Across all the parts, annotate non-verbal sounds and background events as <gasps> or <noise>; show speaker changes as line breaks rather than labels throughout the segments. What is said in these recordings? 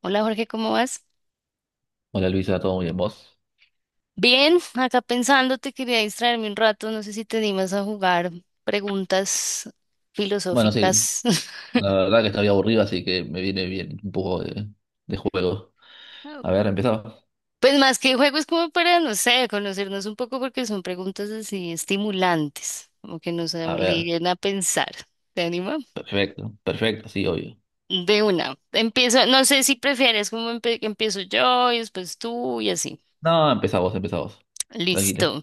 Hola Jorge, ¿cómo vas?
Hola Luisa, ¿todo muy bien vos?
Bien, acá pensando, te quería distraerme un rato, no sé si te animas a jugar preguntas
Bueno, sí,
filosóficas. <laughs>
la verdad que estaba aburrido, así que me viene bien un poco de juego.
Ah,
A ver, empezamos.
pues más que juegos como para, no sé, conocernos un poco porque son preguntas así estimulantes, como que nos
A ver,
obliguen a pensar. ¿Te anima?
perfecto, perfecto, sí, obvio.
De una. Empiezo, no sé si prefieres como que empiezo yo y después tú y así.
No, empezá vos, empezá vos. Tranquila.
Listo.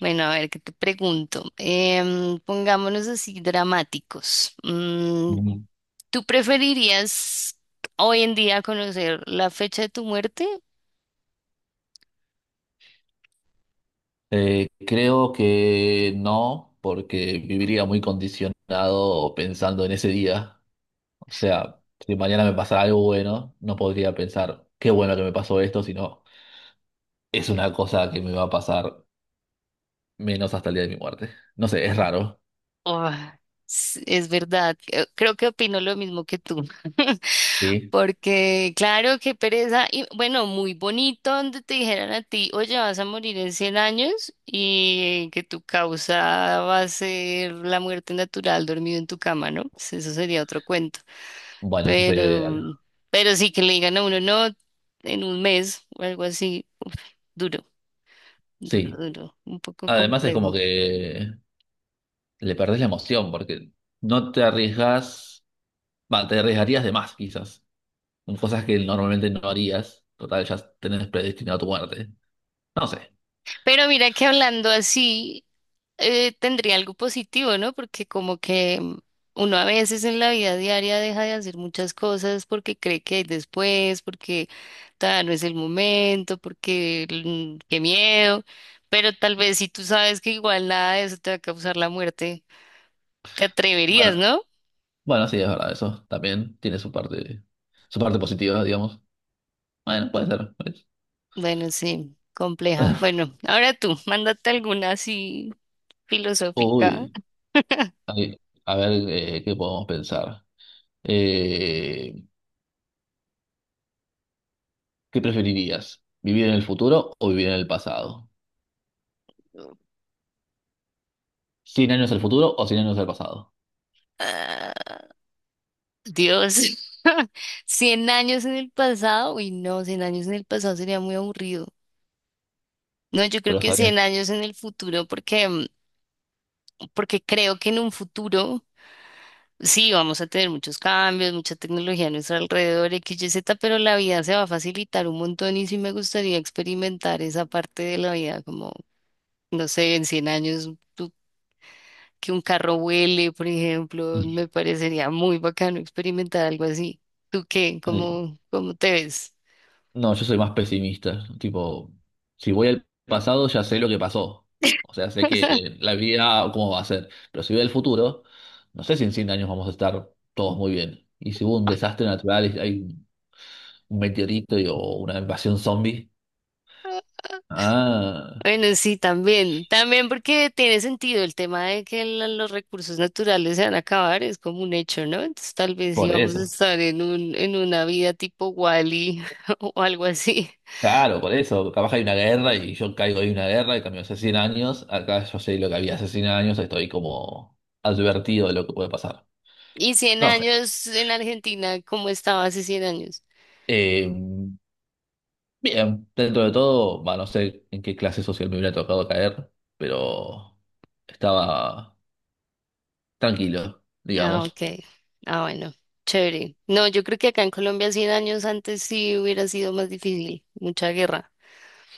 Bueno, a ver, ¿qué te pregunto? Pongámonos así dramáticos.
Mm.
¿Tú preferirías hoy en día conocer la fecha de tu muerte?
Creo que no, porque viviría muy condicionado pensando en ese día. O sea, si mañana me pasara algo bueno, no podría pensar qué bueno que me pasó esto, sino es una cosa que me va a pasar menos hasta el día de mi muerte. No sé, es raro.
Oh, es verdad, creo que opino lo mismo que tú, <laughs>
Sí,
porque claro, qué pereza, y bueno, muy bonito donde te dijeran a ti, oye, vas a morir en 100 años y que tu causa va a ser la muerte natural dormido en tu cama, ¿no? Pues eso sería otro cuento,
bueno, eso sería lo
pero,
ideal.
pero sí que le digan a uno, no, en 1 mes o algo así, duro. Duro,
Sí,
duro, un poco
además es como
complejo.
que le perdés la emoción porque no te arriesgas, va, te arriesgarías de más quizás, con cosas que normalmente no harías. Total, ya tenés predestinado tu muerte. No sé.
Pero mira que hablando así, tendría algo positivo, ¿no? Porque como que uno a veces en la vida diaria deja de hacer muchas cosas porque cree que hay después, porque todavía no es el momento, porque qué miedo. Pero tal vez si tú sabes que igual nada de eso te va a causar la muerte, te
Bueno,
atreverías, ¿no?
bueno, sí, es verdad, eso también tiene su parte positiva, digamos. Bueno, puede ser. Pues.
Bueno, sí, compleja.
<laughs>
Bueno, ahora tú, mándate alguna así filosófica.
Uy,
<laughs>
Ay, a ver, ¿qué podemos pensar? Eh, ¿Qué preferirías? ¿Vivir en el futuro o vivir en el pasado? 100 años al futuro o 100 años al pasado.
Ah, Dios, <laughs> 100 años en el pasado, uy, no, 100 años en el pasado sería muy aburrido. No, yo creo
Pero
que
sabría.
100 años en el futuro, porque creo que en un futuro sí vamos a tener muchos cambios, mucha tecnología a nuestro alrededor, X, Y, Z, pero la vida se va a facilitar un montón y sí me gustaría experimentar esa parte de la vida, como, no sé, en 100 años tú- que un carro vuele, por ejemplo, me parecería muy bacano experimentar algo así. ¿Tú qué?
Ay,
¿Cómo te ves?
no, yo soy más pesimista. Tipo, si voy al pasado ya sé lo que pasó. O sea, sé que
<laughs>
la vida cómo va a ser. Pero si voy al futuro, no sé si en 100 años vamos a estar todos muy bien. Y si hubo un desastre natural, y hay un meteorito o una invasión zombie. Ah,
Bueno, sí, también, también porque tiene sentido el tema de que los recursos naturales se van a acabar, es como un hecho, ¿no? Entonces tal vez
por
íbamos a
eso.
estar en un, en una vida tipo Wally <laughs> o algo así.
Claro, por eso, capaz hay una guerra y yo caigo en una guerra y cambió hace 100 años, acá yo sé lo que había hace 100 años, estoy como advertido de lo que puede pasar.
¿Y 100
No sé.
años en Argentina, cómo estaba hace 100 años?
Eh, bien, dentro de todo, va, no sé en qué clase social me hubiera tocado caer, pero estaba tranquilo,
Ah, ok.
digamos.
Ah, bueno, chévere. No, yo creo que acá en Colombia 100 años antes sí hubiera sido más difícil, mucha guerra.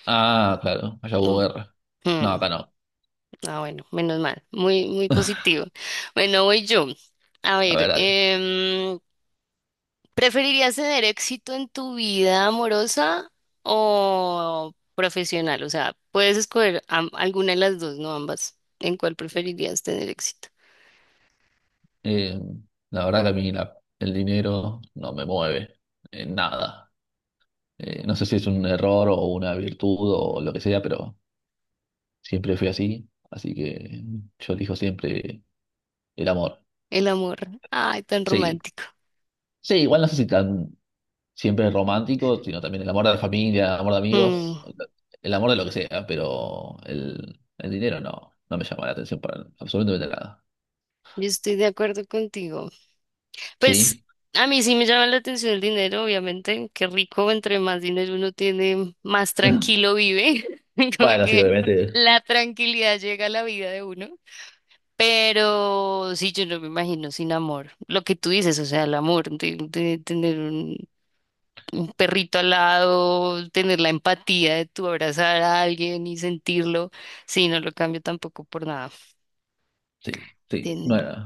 Ah, claro, allá hubo
Mm,
guerra. No,
mm.
acá no.
Ah, bueno, menos mal. Muy, muy positivo. Bueno, voy yo. A
A ver,
ver,
dale.
¿preferirías tener éxito en tu vida amorosa o profesional? O sea, puedes escoger alguna de las dos, no ambas. ¿En cuál preferirías tener éxito?
Eh, la verdad que a mí el dinero no me mueve en nada. No sé si es un error o una virtud o lo que sea, pero siempre fui así. Así que yo elijo siempre el amor.
El amor. Ay, tan
Sí,
romántico.
sí, igual no sé si tan siempre romántico, sino también el amor de la familia, el amor de amigos,
Mm,
el amor de lo que sea, pero el dinero no, no me llama la atención para absolutamente nada.
yo estoy de acuerdo contigo. Pues
Sí.
a mí sí me llama la atención el dinero, obviamente. Qué rico, entre más dinero uno tiene, más
<laughs>
tranquilo vive. <laughs> Como
Bueno, sí,
que
obviamente.
la tranquilidad llega a la vida de uno. Pero sí, yo no me imagino sin amor. Lo que tú dices, o sea, el amor, de tener un perrito al lado, tener la empatía de tu abrazar a alguien y sentirlo. Sí, no lo cambio tampoco por nada.
Sí, sí, no
Tienen.
era,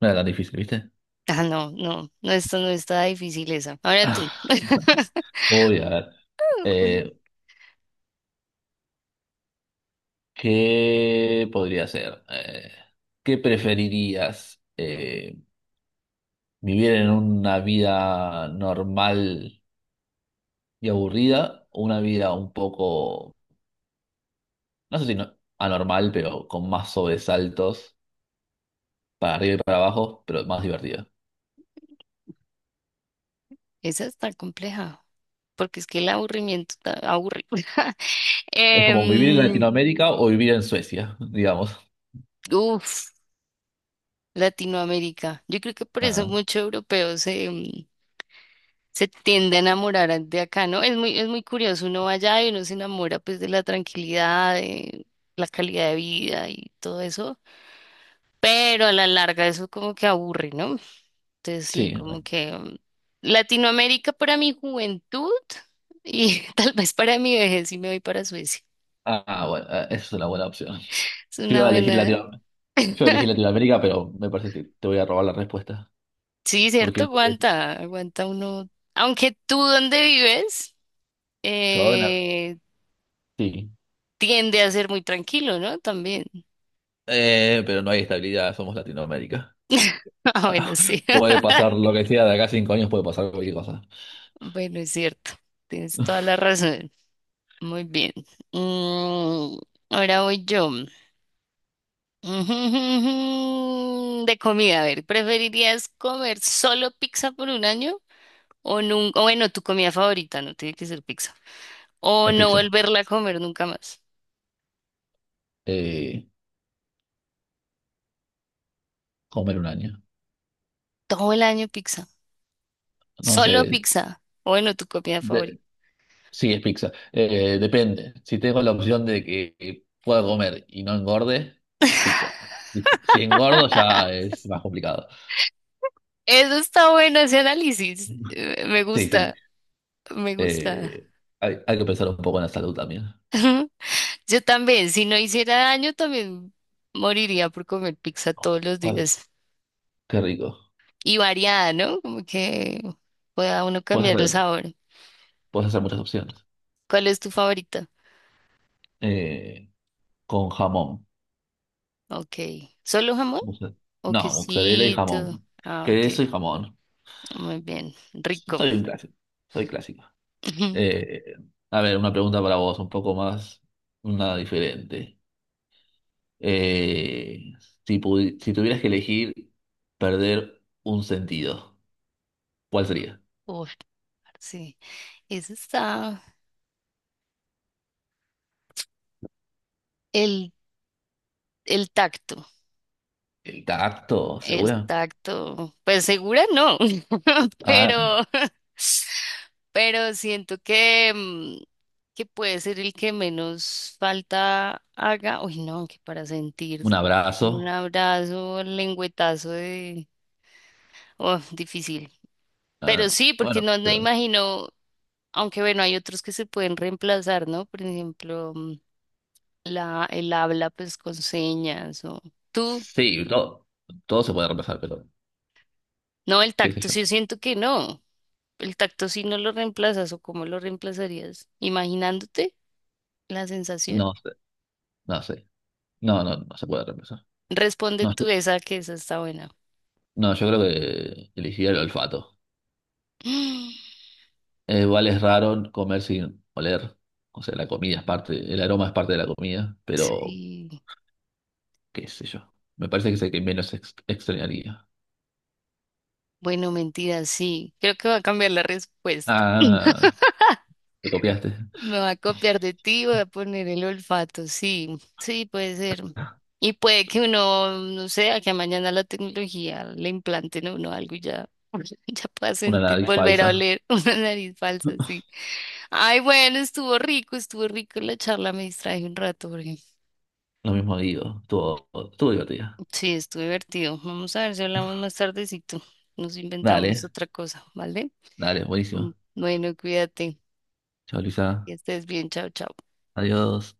no era tan difícil, ¿viste?
Ah, no, no, no, esto no está difícil esa. Ahora tú.
<laughs>
<laughs>
Voy a ver.
Un-
Eh, ¿Qué podría ser? ¿Qué preferirías? ¿Vivir en una vida normal y aburrida o una vida un poco, no sé si anormal, pero con más sobresaltos para arriba y para abajo, pero más divertida?
Esa está compleja, porque es que el aburrimiento está aburrido. <laughs>
Es como vivir en
Em,
Latinoamérica o vivir en Suecia, <laughs> digamos.
uf, Latinoamérica. Yo creo que por eso
Ah,
muchos europeos se tiende a enamorar de acá, ¿no? Es muy curioso, uno va allá y uno se enamora pues de la tranquilidad, de la calidad de vida y todo eso, pero a la larga eso como que aburre, ¿no? Entonces sí,
sí.
como que Latinoamérica para mi juventud y <laughs> tal vez para mi vejez sí me voy para Suecia.
Ah, bueno, esa es una buena opción.
Es
Yo
una
iba a elegir
buena.
Latino- yo iba a elegir Latinoamérica, pero me parece que te voy a robar la respuesta.
Sí,
Porque
cierto,
<laughs>
aguanta, aguanta uno. Aunque tú donde vives
yo, de Nar-
eh,
sí.
tiende a ser muy tranquilo, ¿no? También. <laughs>
Pero no hay estabilidad, somos Latinoamérica.
Ah, bueno, sí.
<laughs> Puede
<laughs>
pasar lo que sea, de acá a 5 años puede pasar cualquier cosa.
Bueno, es cierto. Tienes toda
<laughs>
la razón. Muy bien. Mm, ahora voy yo. <laughs> De comida, a ver, ¿preferirías comer solo pizza por 1 año o nunca, bueno, tu comida favorita, no tiene que ser pizza, o
Es
no
pizza.
volverla a comer nunca más?
Eh, Comer un año.
Todo el año pizza.
No sé.
Solo pizza. Bueno, tu comida
de-
favorita.
sí, es pizza. Depende. Si tengo la opción de que pueda comer y no engorde, pizza. Si engordo ya
<laughs>
es más complicado.
Eso está bueno, ese análisis.
<laughs>
Me
Sí, sí.
gusta, me gusta.
Eh, hay que pensar un poco en la salud también.
<laughs> Yo también, si no hiciera daño, también moriría por comer pizza todos los
Ay,
días.
qué rico.
Y variada, ¿no? Como que pueda uno
Puedes
cambiar el
hacer,
sabor.
puedes hacer muchas opciones.
¿Cuál es tu favorita?
Eh, con jamón.
Ok. ¿Solo jamón?
Moza-
O
No, mozzarella y
quesito.
jamón.
Ah, ok.
Queso y jamón.
Muy bien. Rico.
Soy un clásico. Soy clásico.
<laughs>
Eh, a ver, una pregunta para vos, un poco más, una diferente. Eh, si tuvieras que elegir perder un sentido, ¿cuál sería?
Uf, sí. Eso está. El, el tacto.
¿El tacto,
El
segura?
tacto, pues segura no, <laughs>
Ah,
pero, pero siento que puede ser el que menos falta haga. Uy, no, que para sentir
un
un
abrazo.
abrazo, lengüetazo de... Oh, difícil. Pero
Ah,
sí, porque
bueno,
no, no
pero
imagino, aunque bueno, hay otros que se pueden reemplazar, ¿no? Por ejemplo, la, el habla pues con señas o tú.
sí, todo se puede reemplazar, pero
No, el
qué sé
tacto
yo.
sí siento que no. El tacto sí no lo reemplazas o cómo lo reemplazarías, imaginándote la sensación.
No sé, no sé. No, no, no se puede reemplazar.
Responde
No,
tú esa que esa está buena.
no, yo creo que elegiría el olfato.
<gasps>
Igual es raro comer sin oler. O sea, la comida es parte, el aroma es parte de la comida, pero
Sí,
qué sé yo. Me parece que es el que menos extrañaría.
bueno, mentira, sí. Creo que va a cambiar la respuesta.
Ah,
<laughs>
te copiaste.
Me va a copiar de ti, voy a poner el olfato, sí, sí, puede ser. Y puede que uno, no sé, a que mañana la tecnología le implante en uno algo y ya, <laughs> ya pueda
Una
sentir,
nariz
volver a
falsa.
oler <laughs> una nariz falsa,
<laughs>
sí. Ay, bueno, estuvo rico la charla, me distraje un rato porque
Lo mismo digo. Estuvo divertida.
sí, estuvo divertido. Vamos a ver si hablamos más tardecito. Nos inventamos
Dale,
otra cosa, ¿vale?
dale, buenísimo.
Bueno, cuídate,
Chao,
que
Luisa.
estés bien, chao, chao.
Adiós.